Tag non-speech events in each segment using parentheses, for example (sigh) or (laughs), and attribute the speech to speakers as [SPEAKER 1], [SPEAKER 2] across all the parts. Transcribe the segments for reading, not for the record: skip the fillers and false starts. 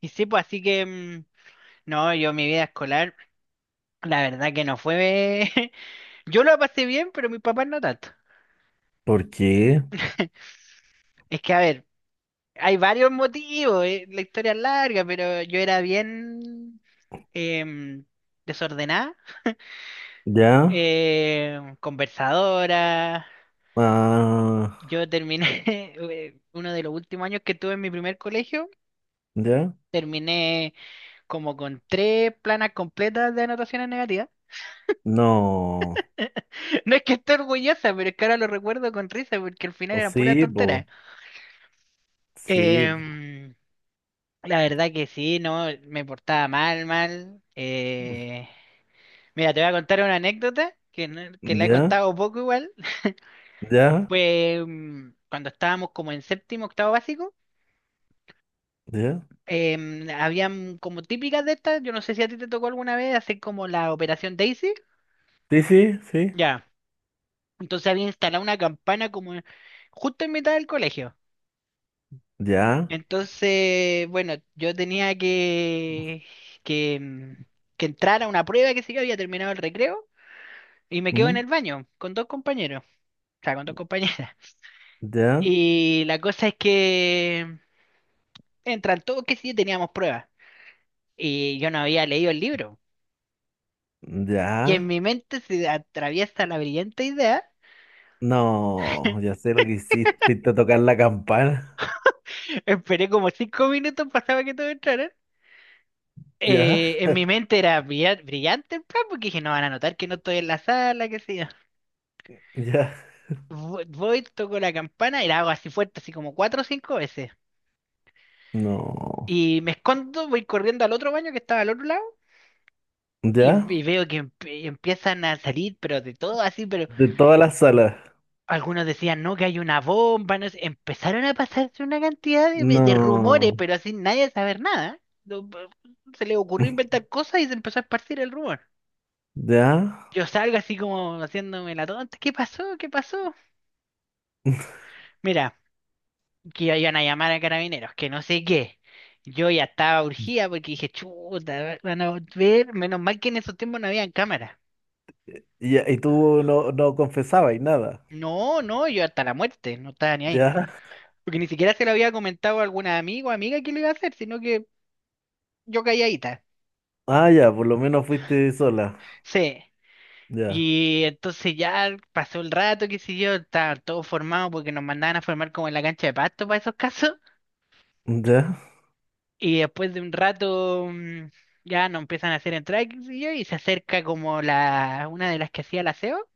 [SPEAKER 1] Y sí, pues así que, no, yo mi vida escolar, la verdad que no fue... (laughs) Yo lo pasé bien, pero mis papás no tanto.
[SPEAKER 2] ¿Por qué?
[SPEAKER 1] (laughs) Es que, a ver, hay varios motivos. La historia es larga, pero yo era bien em, desordenada,
[SPEAKER 2] ¿Ya?
[SPEAKER 1] conversadora.
[SPEAKER 2] Ah,
[SPEAKER 1] Yo terminé, (laughs) Uno de los últimos años que tuve en mi primer colegio,
[SPEAKER 2] ¿ya?
[SPEAKER 1] terminé como con tres planas completas de anotaciones negativas.
[SPEAKER 2] No.
[SPEAKER 1] No es que esté orgullosa, pero es que ahora lo recuerdo con risa porque al final
[SPEAKER 2] O
[SPEAKER 1] era pura
[SPEAKER 2] sí, bo.
[SPEAKER 1] tontera.
[SPEAKER 2] Sí, bo.
[SPEAKER 1] Em, la verdad que sí, no, me portaba mal, mal. Mira, te voy a contar una anécdota que, no- que la he
[SPEAKER 2] ¿Ya?
[SPEAKER 1] contado poco igual. (laughs)
[SPEAKER 2] ¿Ya?
[SPEAKER 1] Fue cuando estábamos como en séptimo, octavo básico.
[SPEAKER 2] ¿Ya?
[SPEAKER 1] Habían como típicas de estas, yo no sé si a ti te tocó alguna vez hacer como la Operación Daisy.
[SPEAKER 2] Sí, sí, sí.
[SPEAKER 1] Ya. Entonces había instalado una campana como justo en mitad del colegio.
[SPEAKER 2] ¿Ya?
[SPEAKER 1] Entonces, bueno, yo tenía que, mm, que entrar a una prueba, que sé yo, había terminado el recreo y me quedo en
[SPEAKER 2] ¿Mm?
[SPEAKER 1] el baño con dos compañeros, o sea, con dos compañeras. (laughs)
[SPEAKER 2] ¿Ya?
[SPEAKER 1] Y la cosa es que entran todos, que sí, teníamos pruebas y yo no había leído el libro. Y en
[SPEAKER 2] ¿Ya?
[SPEAKER 1] mi mente se atraviesa la brillante idea.
[SPEAKER 2] No, ya
[SPEAKER 1] (laughs)
[SPEAKER 2] sé lo que hiciste. (laughs) Fuiste a tocar la campana.
[SPEAKER 1] Esperé como 5 minutos, pasaba que todos entraran.
[SPEAKER 2] ¿Ya?
[SPEAKER 1] En mi mente era brillante el plan, porque dije, no van a notar que no estoy en la sala, que sí.
[SPEAKER 2] ¿Ya?
[SPEAKER 1] Voy, toco la campana y la hago así fuerte, así como cuatro o cinco veces.
[SPEAKER 2] No.
[SPEAKER 1] Y me escondo, voy corriendo al otro baño que estaba al otro lado y, y
[SPEAKER 2] ¿Ya?
[SPEAKER 1] veo que empiezan a salir, pero de todo así, pero
[SPEAKER 2] De todas las salas.
[SPEAKER 1] algunos decían, no, que hay una bomba, no sé. Empezaron a pasarse una cantidad de rumores,
[SPEAKER 2] No.
[SPEAKER 1] pero así nadie saber nada. No, se le ocurrió
[SPEAKER 2] (laughs)
[SPEAKER 1] inventar cosas y se empezó a esparcir el rumor.
[SPEAKER 2] ¿Ya?
[SPEAKER 1] Yo salgo así como haciéndome la tonta. ¿Qué pasó? ¿Qué pasó? Mira, que iban a llamar a carabineros, que no sé qué. Yo ya estaba urgida porque dije, chuta, van a ver, menos mal que en esos tiempos no habían cámaras.
[SPEAKER 2] ¿Y tú no confesabas y nada?
[SPEAKER 1] No, no, yo hasta la muerte, no estaba ni ahí.
[SPEAKER 2] ¿Ya?
[SPEAKER 1] Porque ni siquiera se lo había comentado a algún amigo o amiga que lo iba a hacer, sino que yo calladita.
[SPEAKER 2] Ah, ya, por lo menos fuiste sola.
[SPEAKER 1] Sí.
[SPEAKER 2] Ya,
[SPEAKER 1] Y entonces ya pasó el rato, qué sé yo, estaba todo formado porque nos mandaban a formar como en la cancha de pasto para esos (laughs) casos.
[SPEAKER 2] ya,
[SPEAKER 1] Y después de un rato ya no empiezan a hacer entradas qué sé yo, y se acerca como la una de las que hacía el aseo,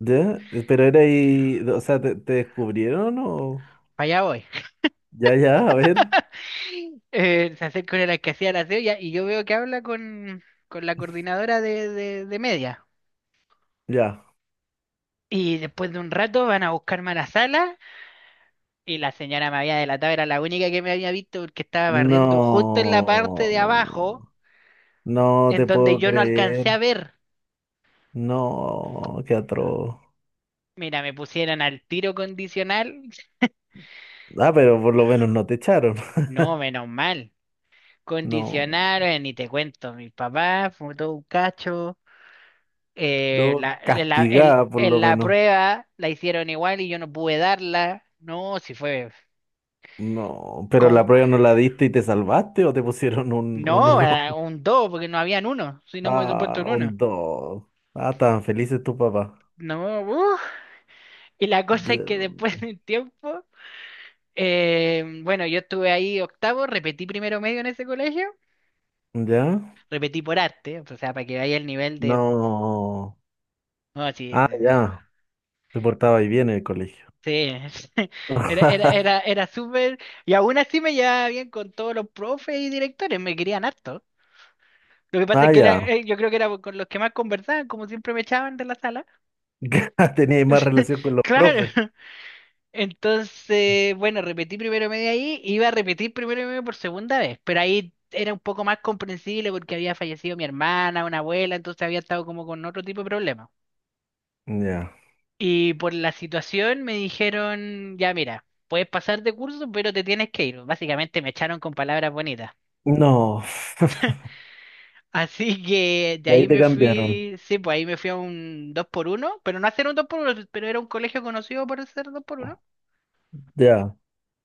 [SPEAKER 2] ya. Pero era ahí, o sea, ¿te descubrieron o...?
[SPEAKER 1] para allá voy. (laughs)
[SPEAKER 2] Ya, ya, a ver,
[SPEAKER 1] Se acerca una de las que hacía el aseo y yo veo que habla con la coordinadora de media.
[SPEAKER 2] ya.
[SPEAKER 1] Y después de un rato van a buscarme a la sala y la señora me había delatado, era la única que me había visto porque estaba barriendo justo en la parte de abajo
[SPEAKER 2] No, no
[SPEAKER 1] en
[SPEAKER 2] te
[SPEAKER 1] donde
[SPEAKER 2] puedo
[SPEAKER 1] yo no alcancé
[SPEAKER 2] creer.
[SPEAKER 1] a ver.
[SPEAKER 2] No, qué atroz.
[SPEAKER 1] Mira, me pusieron al tiro condicional.
[SPEAKER 2] Ah, pero por lo menos no te echaron. (laughs)
[SPEAKER 1] No, menos mal.
[SPEAKER 2] No,
[SPEAKER 1] Condicionaron, ni te cuento, mi papá fue todo un cacho. eh,
[SPEAKER 2] no
[SPEAKER 1] la,
[SPEAKER 2] castigada por
[SPEAKER 1] en
[SPEAKER 2] lo
[SPEAKER 1] la
[SPEAKER 2] menos.
[SPEAKER 1] prueba la hicieron igual y yo no pude darla. No, si fue
[SPEAKER 2] No, pero la
[SPEAKER 1] como...
[SPEAKER 2] prueba no la diste y te salvaste o te pusieron un
[SPEAKER 1] No,
[SPEAKER 2] uno.
[SPEAKER 1] era
[SPEAKER 2] (laughs)
[SPEAKER 1] un 2 porque no habían uno, si no me hubiese puesto
[SPEAKER 2] Ah,
[SPEAKER 1] un uno.
[SPEAKER 2] un dos. Ah, estaban felices tu papá.
[SPEAKER 1] No, uf. Y la cosa es que
[SPEAKER 2] Ya.
[SPEAKER 1] después de un tiempo, bueno, yo estuve ahí octavo, repetí primero medio en ese colegio,
[SPEAKER 2] ¿Ya?
[SPEAKER 1] repetí por arte, o sea, para que vaya el nivel de...
[SPEAKER 2] No.
[SPEAKER 1] No, sí,
[SPEAKER 2] Ah, ya. Se portaba ahí bien en el colegio.
[SPEAKER 1] sí. (laughs) era, era, era,
[SPEAKER 2] (laughs)
[SPEAKER 1] era súper, y aún así me llevaba bien con todos los profes y directores, me querían harto. Lo que pasa
[SPEAKER 2] Ah,
[SPEAKER 1] es que
[SPEAKER 2] ya.
[SPEAKER 1] yo creo que era con los que más conversaban, como siempre me echaban de la sala.
[SPEAKER 2] (laughs) Tenía más
[SPEAKER 1] (laughs)
[SPEAKER 2] relación con los
[SPEAKER 1] Claro.
[SPEAKER 2] profes.
[SPEAKER 1] Entonces, bueno, repetí primero medio ahí, iba a repetir primero medio por segunda vez, pero ahí era un poco más comprensible porque había fallecido mi hermana, una abuela, entonces había estado como con otro tipo de problemas.
[SPEAKER 2] Ya.
[SPEAKER 1] Y por la situación me dijeron, ya mira, puedes pasar de curso, pero te tienes que ir. Básicamente me echaron con palabras bonitas.
[SPEAKER 2] No. (laughs)
[SPEAKER 1] (laughs) Así que de
[SPEAKER 2] Y
[SPEAKER 1] ahí
[SPEAKER 2] ahí te
[SPEAKER 1] me
[SPEAKER 2] cambiaron.
[SPEAKER 1] fui, sí, pues ahí me fui a un 2 por uno pero no hacer un dos por uno pero era un colegio conocido por hacer 2 por uno.
[SPEAKER 2] Ya.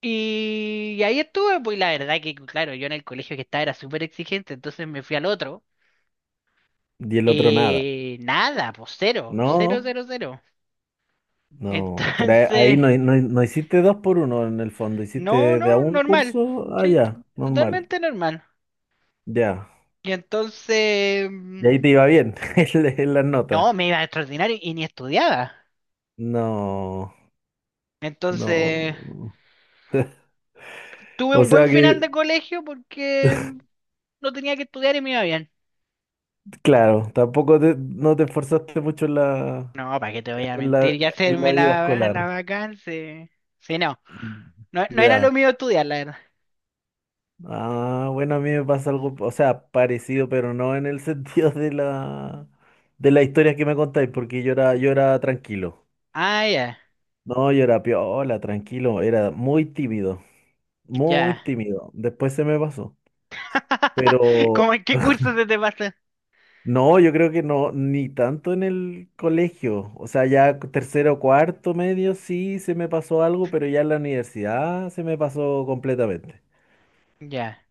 [SPEAKER 1] Y ahí estuve, pues y la verdad que, claro, yo en el colegio que estaba era súper exigente, entonces me fui al otro.
[SPEAKER 2] Y el otro nada.
[SPEAKER 1] Nada, pues cero, cero,
[SPEAKER 2] No.
[SPEAKER 1] cero, cero. (laughs)
[SPEAKER 2] No. Pero ahí
[SPEAKER 1] Entonces,
[SPEAKER 2] no, no, no hiciste dos por uno en el fondo.
[SPEAKER 1] no,
[SPEAKER 2] Hiciste de a
[SPEAKER 1] no,
[SPEAKER 2] un
[SPEAKER 1] normal.
[SPEAKER 2] curso. Ah,
[SPEAKER 1] Sí,
[SPEAKER 2] ya. Normal.
[SPEAKER 1] totalmente normal.
[SPEAKER 2] Ya.
[SPEAKER 1] Y entonces,
[SPEAKER 2] Y ahí te iba bien (laughs) en las notas.
[SPEAKER 1] no, me iba extraordinario y ni estudiaba.
[SPEAKER 2] No.
[SPEAKER 1] Entonces,
[SPEAKER 2] No.
[SPEAKER 1] tuve
[SPEAKER 2] O
[SPEAKER 1] un buen
[SPEAKER 2] sea
[SPEAKER 1] final de
[SPEAKER 2] que
[SPEAKER 1] colegio porque no tenía que estudiar y me iba bien.
[SPEAKER 2] claro, tampoco no te esforzaste mucho en la,
[SPEAKER 1] No, ¿para qué te voy a
[SPEAKER 2] en
[SPEAKER 1] mentir
[SPEAKER 2] la,
[SPEAKER 1] y
[SPEAKER 2] en la
[SPEAKER 1] hacerme
[SPEAKER 2] vida
[SPEAKER 1] la,
[SPEAKER 2] escolar.
[SPEAKER 1] la vacancia? Sí, sí, no, no, no era lo
[SPEAKER 2] Ya.
[SPEAKER 1] mío estudiar, la verdad.
[SPEAKER 2] Ah, bueno, a mí me pasa algo, o sea, parecido, pero no en el (laughs) sentido de la historia que me contáis, porque yo era tranquilo.
[SPEAKER 1] Ah, ya,
[SPEAKER 2] No, yo era piola, tranquilo, era muy tímido, muy
[SPEAKER 1] ya.
[SPEAKER 2] tímido. Después se me pasó.
[SPEAKER 1] (laughs)
[SPEAKER 2] Pero
[SPEAKER 1] ¿Cómo en qué curso se te pasa?
[SPEAKER 2] no, yo creo que no, ni tanto en el colegio. O sea, ya tercero, cuarto, medio, sí se me pasó algo, pero ya en la universidad se me pasó completamente.
[SPEAKER 1] Ya.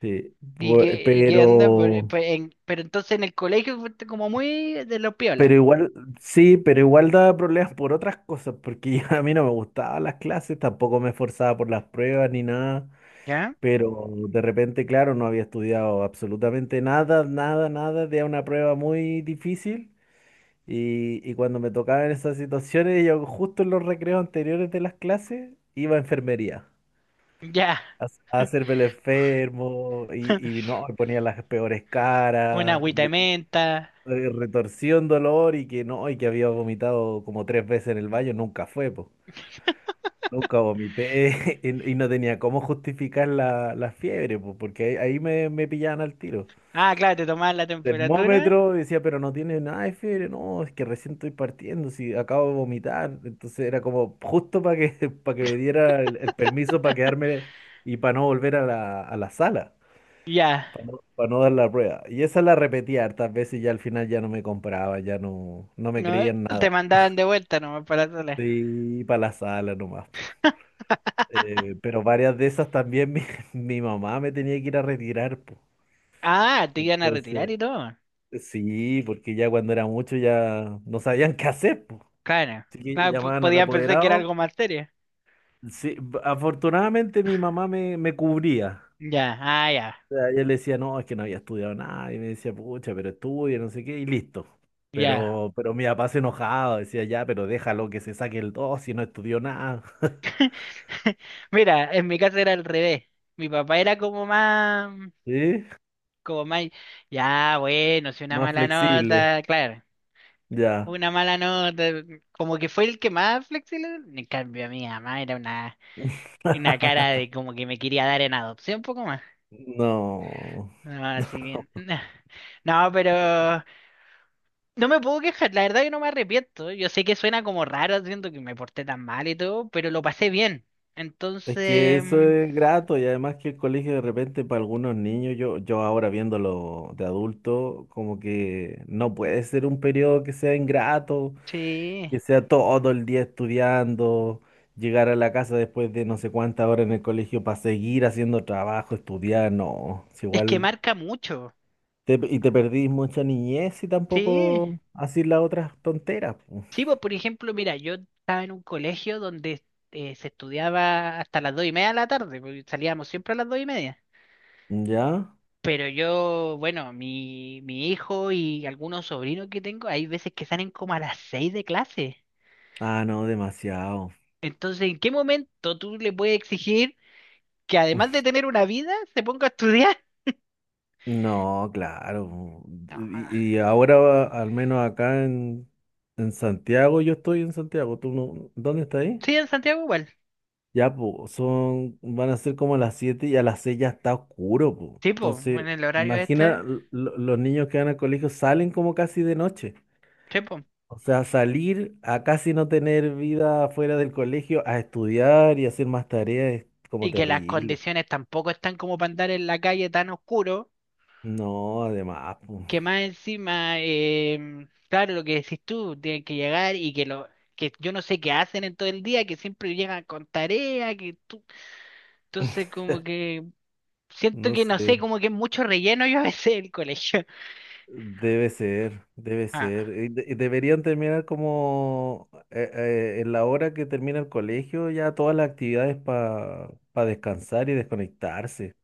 [SPEAKER 2] Sí, bu- eh,
[SPEAKER 1] Y qué onda?
[SPEAKER 2] pero,
[SPEAKER 1] Pero entonces en el colegio fuiste como muy de los piolas,
[SPEAKER 2] pero igual, sí, pero igual daba problemas por otras cosas, porque ya a mí no me gustaban las clases, tampoco me esforzaba por las pruebas ni nada,
[SPEAKER 1] ¿ya?
[SPEAKER 2] pero de repente, claro, no había estudiado absolutamente nada, nada, nada, de una prueba muy difícil. Y cuando me tocaban esas situaciones, yo justo en los recreos anteriores de las clases iba a enfermería
[SPEAKER 1] Ya.
[SPEAKER 2] a hacerme el enfermo y
[SPEAKER 1] (laughs)
[SPEAKER 2] no, me ponía las peores
[SPEAKER 1] Una
[SPEAKER 2] caras,
[SPEAKER 1] agüita de menta.
[SPEAKER 2] de retorsión, dolor y que no, y que había vomitado como tres veces en el baño, nunca fue, po. Nunca vomité (laughs) y no tenía cómo justificar la fiebre, po, porque ahí me pillaban al tiro.
[SPEAKER 1] Ah, claro, te tomaban la temperatura.
[SPEAKER 2] Termómetro, y decía, pero no tiene nada de fiebre, no, es que recién estoy partiendo, si acabo de vomitar, entonces era como justo para que, (laughs) para que, me diera el permiso para quedarme y para no volver a la sala,
[SPEAKER 1] Ya.
[SPEAKER 2] para no dar la prueba. Y esa la repetía hartas veces y ya al final ya no me compraba, ya no me
[SPEAKER 1] No,
[SPEAKER 2] creían
[SPEAKER 1] te
[SPEAKER 2] nada.
[SPEAKER 1] mandaban de vuelta nomás para la sala.
[SPEAKER 2] Sí, para la sala nomás, po. Pero varias de esas también (laughs) mi mamá me tenía que ir a retirar, po.
[SPEAKER 1] Ah, te iban a retirar
[SPEAKER 2] Entonces,
[SPEAKER 1] y todo.
[SPEAKER 2] sí, porque ya cuando era mucho ya no sabían qué hacer.
[SPEAKER 1] Claro.
[SPEAKER 2] Así que
[SPEAKER 1] Claro,
[SPEAKER 2] llamaban al
[SPEAKER 1] podían pensar que era
[SPEAKER 2] apoderado.
[SPEAKER 1] algo más serio.
[SPEAKER 2] Sí, afortunadamente mi mamá me cubría.
[SPEAKER 1] Ya, ah, ya,
[SPEAKER 2] O sea, yo le decía, no, es que no había estudiado nada. Y me decía, pucha, pero estudia, no sé qué, y listo.
[SPEAKER 1] ya.
[SPEAKER 2] Pero mi papá se enojaba, decía, ya, pero déjalo que se saque el dos si no estudió nada. (laughs)
[SPEAKER 1] (laughs) Mira, en mi caso era al revés. Mi papá era como más,
[SPEAKER 2] ¿Sí?
[SPEAKER 1] como más, ya, bueno, si una
[SPEAKER 2] Más
[SPEAKER 1] mala
[SPEAKER 2] flexible,
[SPEAKER 1] nota, claro,
[SPEAKER 2] ya.
[SPEAKER 1] una mala nota, como que fue el que más flexible. En cambio, mi mamá era una cara de
[SPEAKER 2] (laughs)
[SPEAKER 1] como que me quería dar en adopción, un poco más.
[SPEAKER 2] No.
[SPEAKER 1] Ah, sí, bien. (laughs) No, pero no me puedo quejar, la verdad que no me arrepiento. Yo sé que suena como raro, siento que me porté tan mal y todo, pero lo pasé bien.
[SPEAKER 2] Es que
[SPEAKER 1] Entonces,
[SPEAKER 2] eso es grato y además que el colegio de repente para algunos niños, yo ahora viéndolo de adulto, como que no puede ser un periodo que sea ingrato,
[SPEAKER 1] sí,
[SPEAKER 2] que sea todo el día estudiando, llegar a la casa después de no sé cuántas horas en el colegio para seguir haciendo trabajo, estudiar, no, es
[SPEAKER 1] es que
[SPEAKER 2] igual
[SPEAKER 1] marca mucho.
[SPEAKER 2] y te perdís mucha niñez y
[SPEAKER 1] Sí,
[SPEAKER 2] tampoco así las otras tonteras, po.
[SPEAKER 1] sí, pues por ejemplo, mira, yo estaba en un colegio donde se estudiaba hasta las 2:30 de la tarde, porque salíamos siempre a las 2:30.
[SPEAKER 2] ¿Ya?
[SPEAKER 1] Pero yo, bueno, mi hijo y algunos sobrinos que tengo, hay veces que salen como a las 6 de clase.
[SPEAKER 2] Ah, no, demasiado.
[SPEAKER 1] Entonces, ¿en qué momento tú le puedes exigir que además
[SPEAKER 2] (laughs)
[SPEAKER 1] de tener una vida, se ponga a estudiar?
[SPEAKER 2] No, claro.
[SPEAKER 1] No.
[SPEAKER 2] Y ahora, al menos acá en Santiago, yo estoy en Santiago. ¿Tú no? ¿Dónde estás ahí?
[SPEAKER 1] Sí, en Santiago igual.
[SPEAKER 2] Ya, pues, son, van a ser como las 7 y a las 6 ya está oscuro, pues.
[SPEAKER 1] Tipo,
[SPEAKER 2] Entonces,
[SPEAKER 1] en el horario este.
[SPEAKER 2] imagina los niños que van al colegio salen como casi de noche.
[SPEAKER 1] Tipo.
[SPEAKER 2] O sea, salir a casi no tener vida fuera del colegio, a estudiar y hacer más tareas es como
[SPEAKER 1] Y que las
[SPEAKER 2] terrible.
[SPEAKER 1] condiciones tampoco están como para andar en la calle tan oscuro,
[SPEAKER 2] No, además, pues,
[SPEAKER 1] que más encima, claro, lo que decís tú, tienen que llegar y que lo que yo no sé qué hacen en todo el día, que siempre llegan con tarea, que tú... Entonces como que siento
[SPEAKER 2] no
[SPEAKER 1] que no
[SPEAKER 2] sé.
[SPEAKER 1] sé, como que es mucho relleno yo a veces el colegio.
[SPEAKER 2] Debe ser, debe
[SPEAKER 1] (laughs)
[SPEAKER 2] ser.
[SPEAKER 1] Ah.
[SPEAKER 2] Y y deberían terminar como en la hora que termina el colegio, ya todas las actividades para descansar y desconectarse.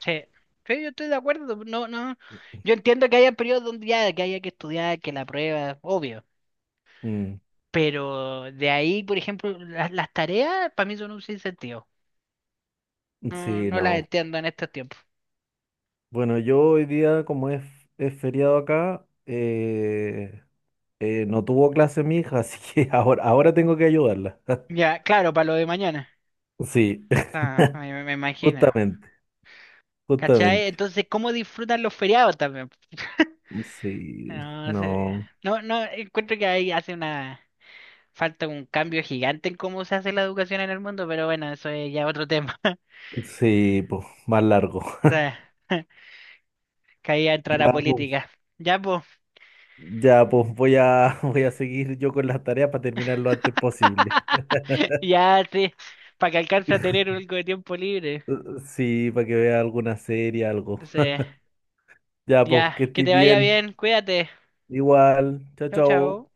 [SPEAKER 1] Sí, sí, yo estoy de acuerdo. No, no. Yo entiendo que haya periodos donde ya que haya que estudiar, que la prueba, obvio.
[SPEAKER 2] Mm,
[SPEAKER 1] Pero de ahí, por ejemplo, las tareas para mí son un sinsentido. No,
[SPEAKER 2] sí,
[SPEAKER 1] no las
[SPEAKER 2] no.
[SPEAKER 1] entiendo en estos tiempos.
[SPEAKER 2] Bueno, yo hoy día, como es feriado acá, no tuvo clase mi hija, así que (laughs) ahora, tengo que ayudarla. (laughs)
[SPEAKER 1] Ya, claro, para lo de mañana.
[SPEAKER 2] Sí,
[SPEAKER 1] Ah, me
[SPEAKER 2] (laughs)
[SPEAKER 1] imagino.
[SPEAKER 2] justamente,
[SPEAKER 1] ¿Cachai?
[SPEAKER 2] justamente.
[SPEAKER 1] Entonces, ¿cómo disfrutan los feriados también? (laughs)
[SPEAKER 2] Sí,
[SPEAKER 1] No sé.
[SPEAKER 2] no.
[SPEAKER 1] No, no, encuentro que ahí hace una falta un cambio gigante en cómo se hace la educación en el mundo, pero bueno, eso es ya otro tema.
[SPEAKER 2] Sí, pues, más largo.
[SPEAKER 1] (laughs) O
[SPEAKER 2] (laughs)
[SPEAKER 1] sea, caía entrar a la
[SPEAKER 2] Ya, pues.
[SPEAKER 1] política. Ya, pues.
[SPEAKER 2] Ya, pues voy a, (laughs) voy a seguir yo con las tareas para terminar lo antes posible.
[SPEAKER 1] (laughs) Ya, sí. Para que alcance a tener
[SPEAKER 2] (laughs)
[SPEAKER 1] algo de tiempo libre.
[SPEAKER 2] Sí, para que vea alguna serie, algo.
[SPEAKER 1] Entonces,
[SPEAKER 2] Ya, pues,
[SPEAKER 1] ya,
[SPEAKER 2] que
[SPEAKER 1] que
[SPEAKER 2] estés
[SPEAKER 1] te vaya
[SPEAKER 2] bien.
[SPEAKER 1] bien, cuídate.
[SPEAKER 2] Igual. Chao,
[SPEAKER 1] Chao,
[SPEAKER 2] chao.
[SPEAKER 1] chao.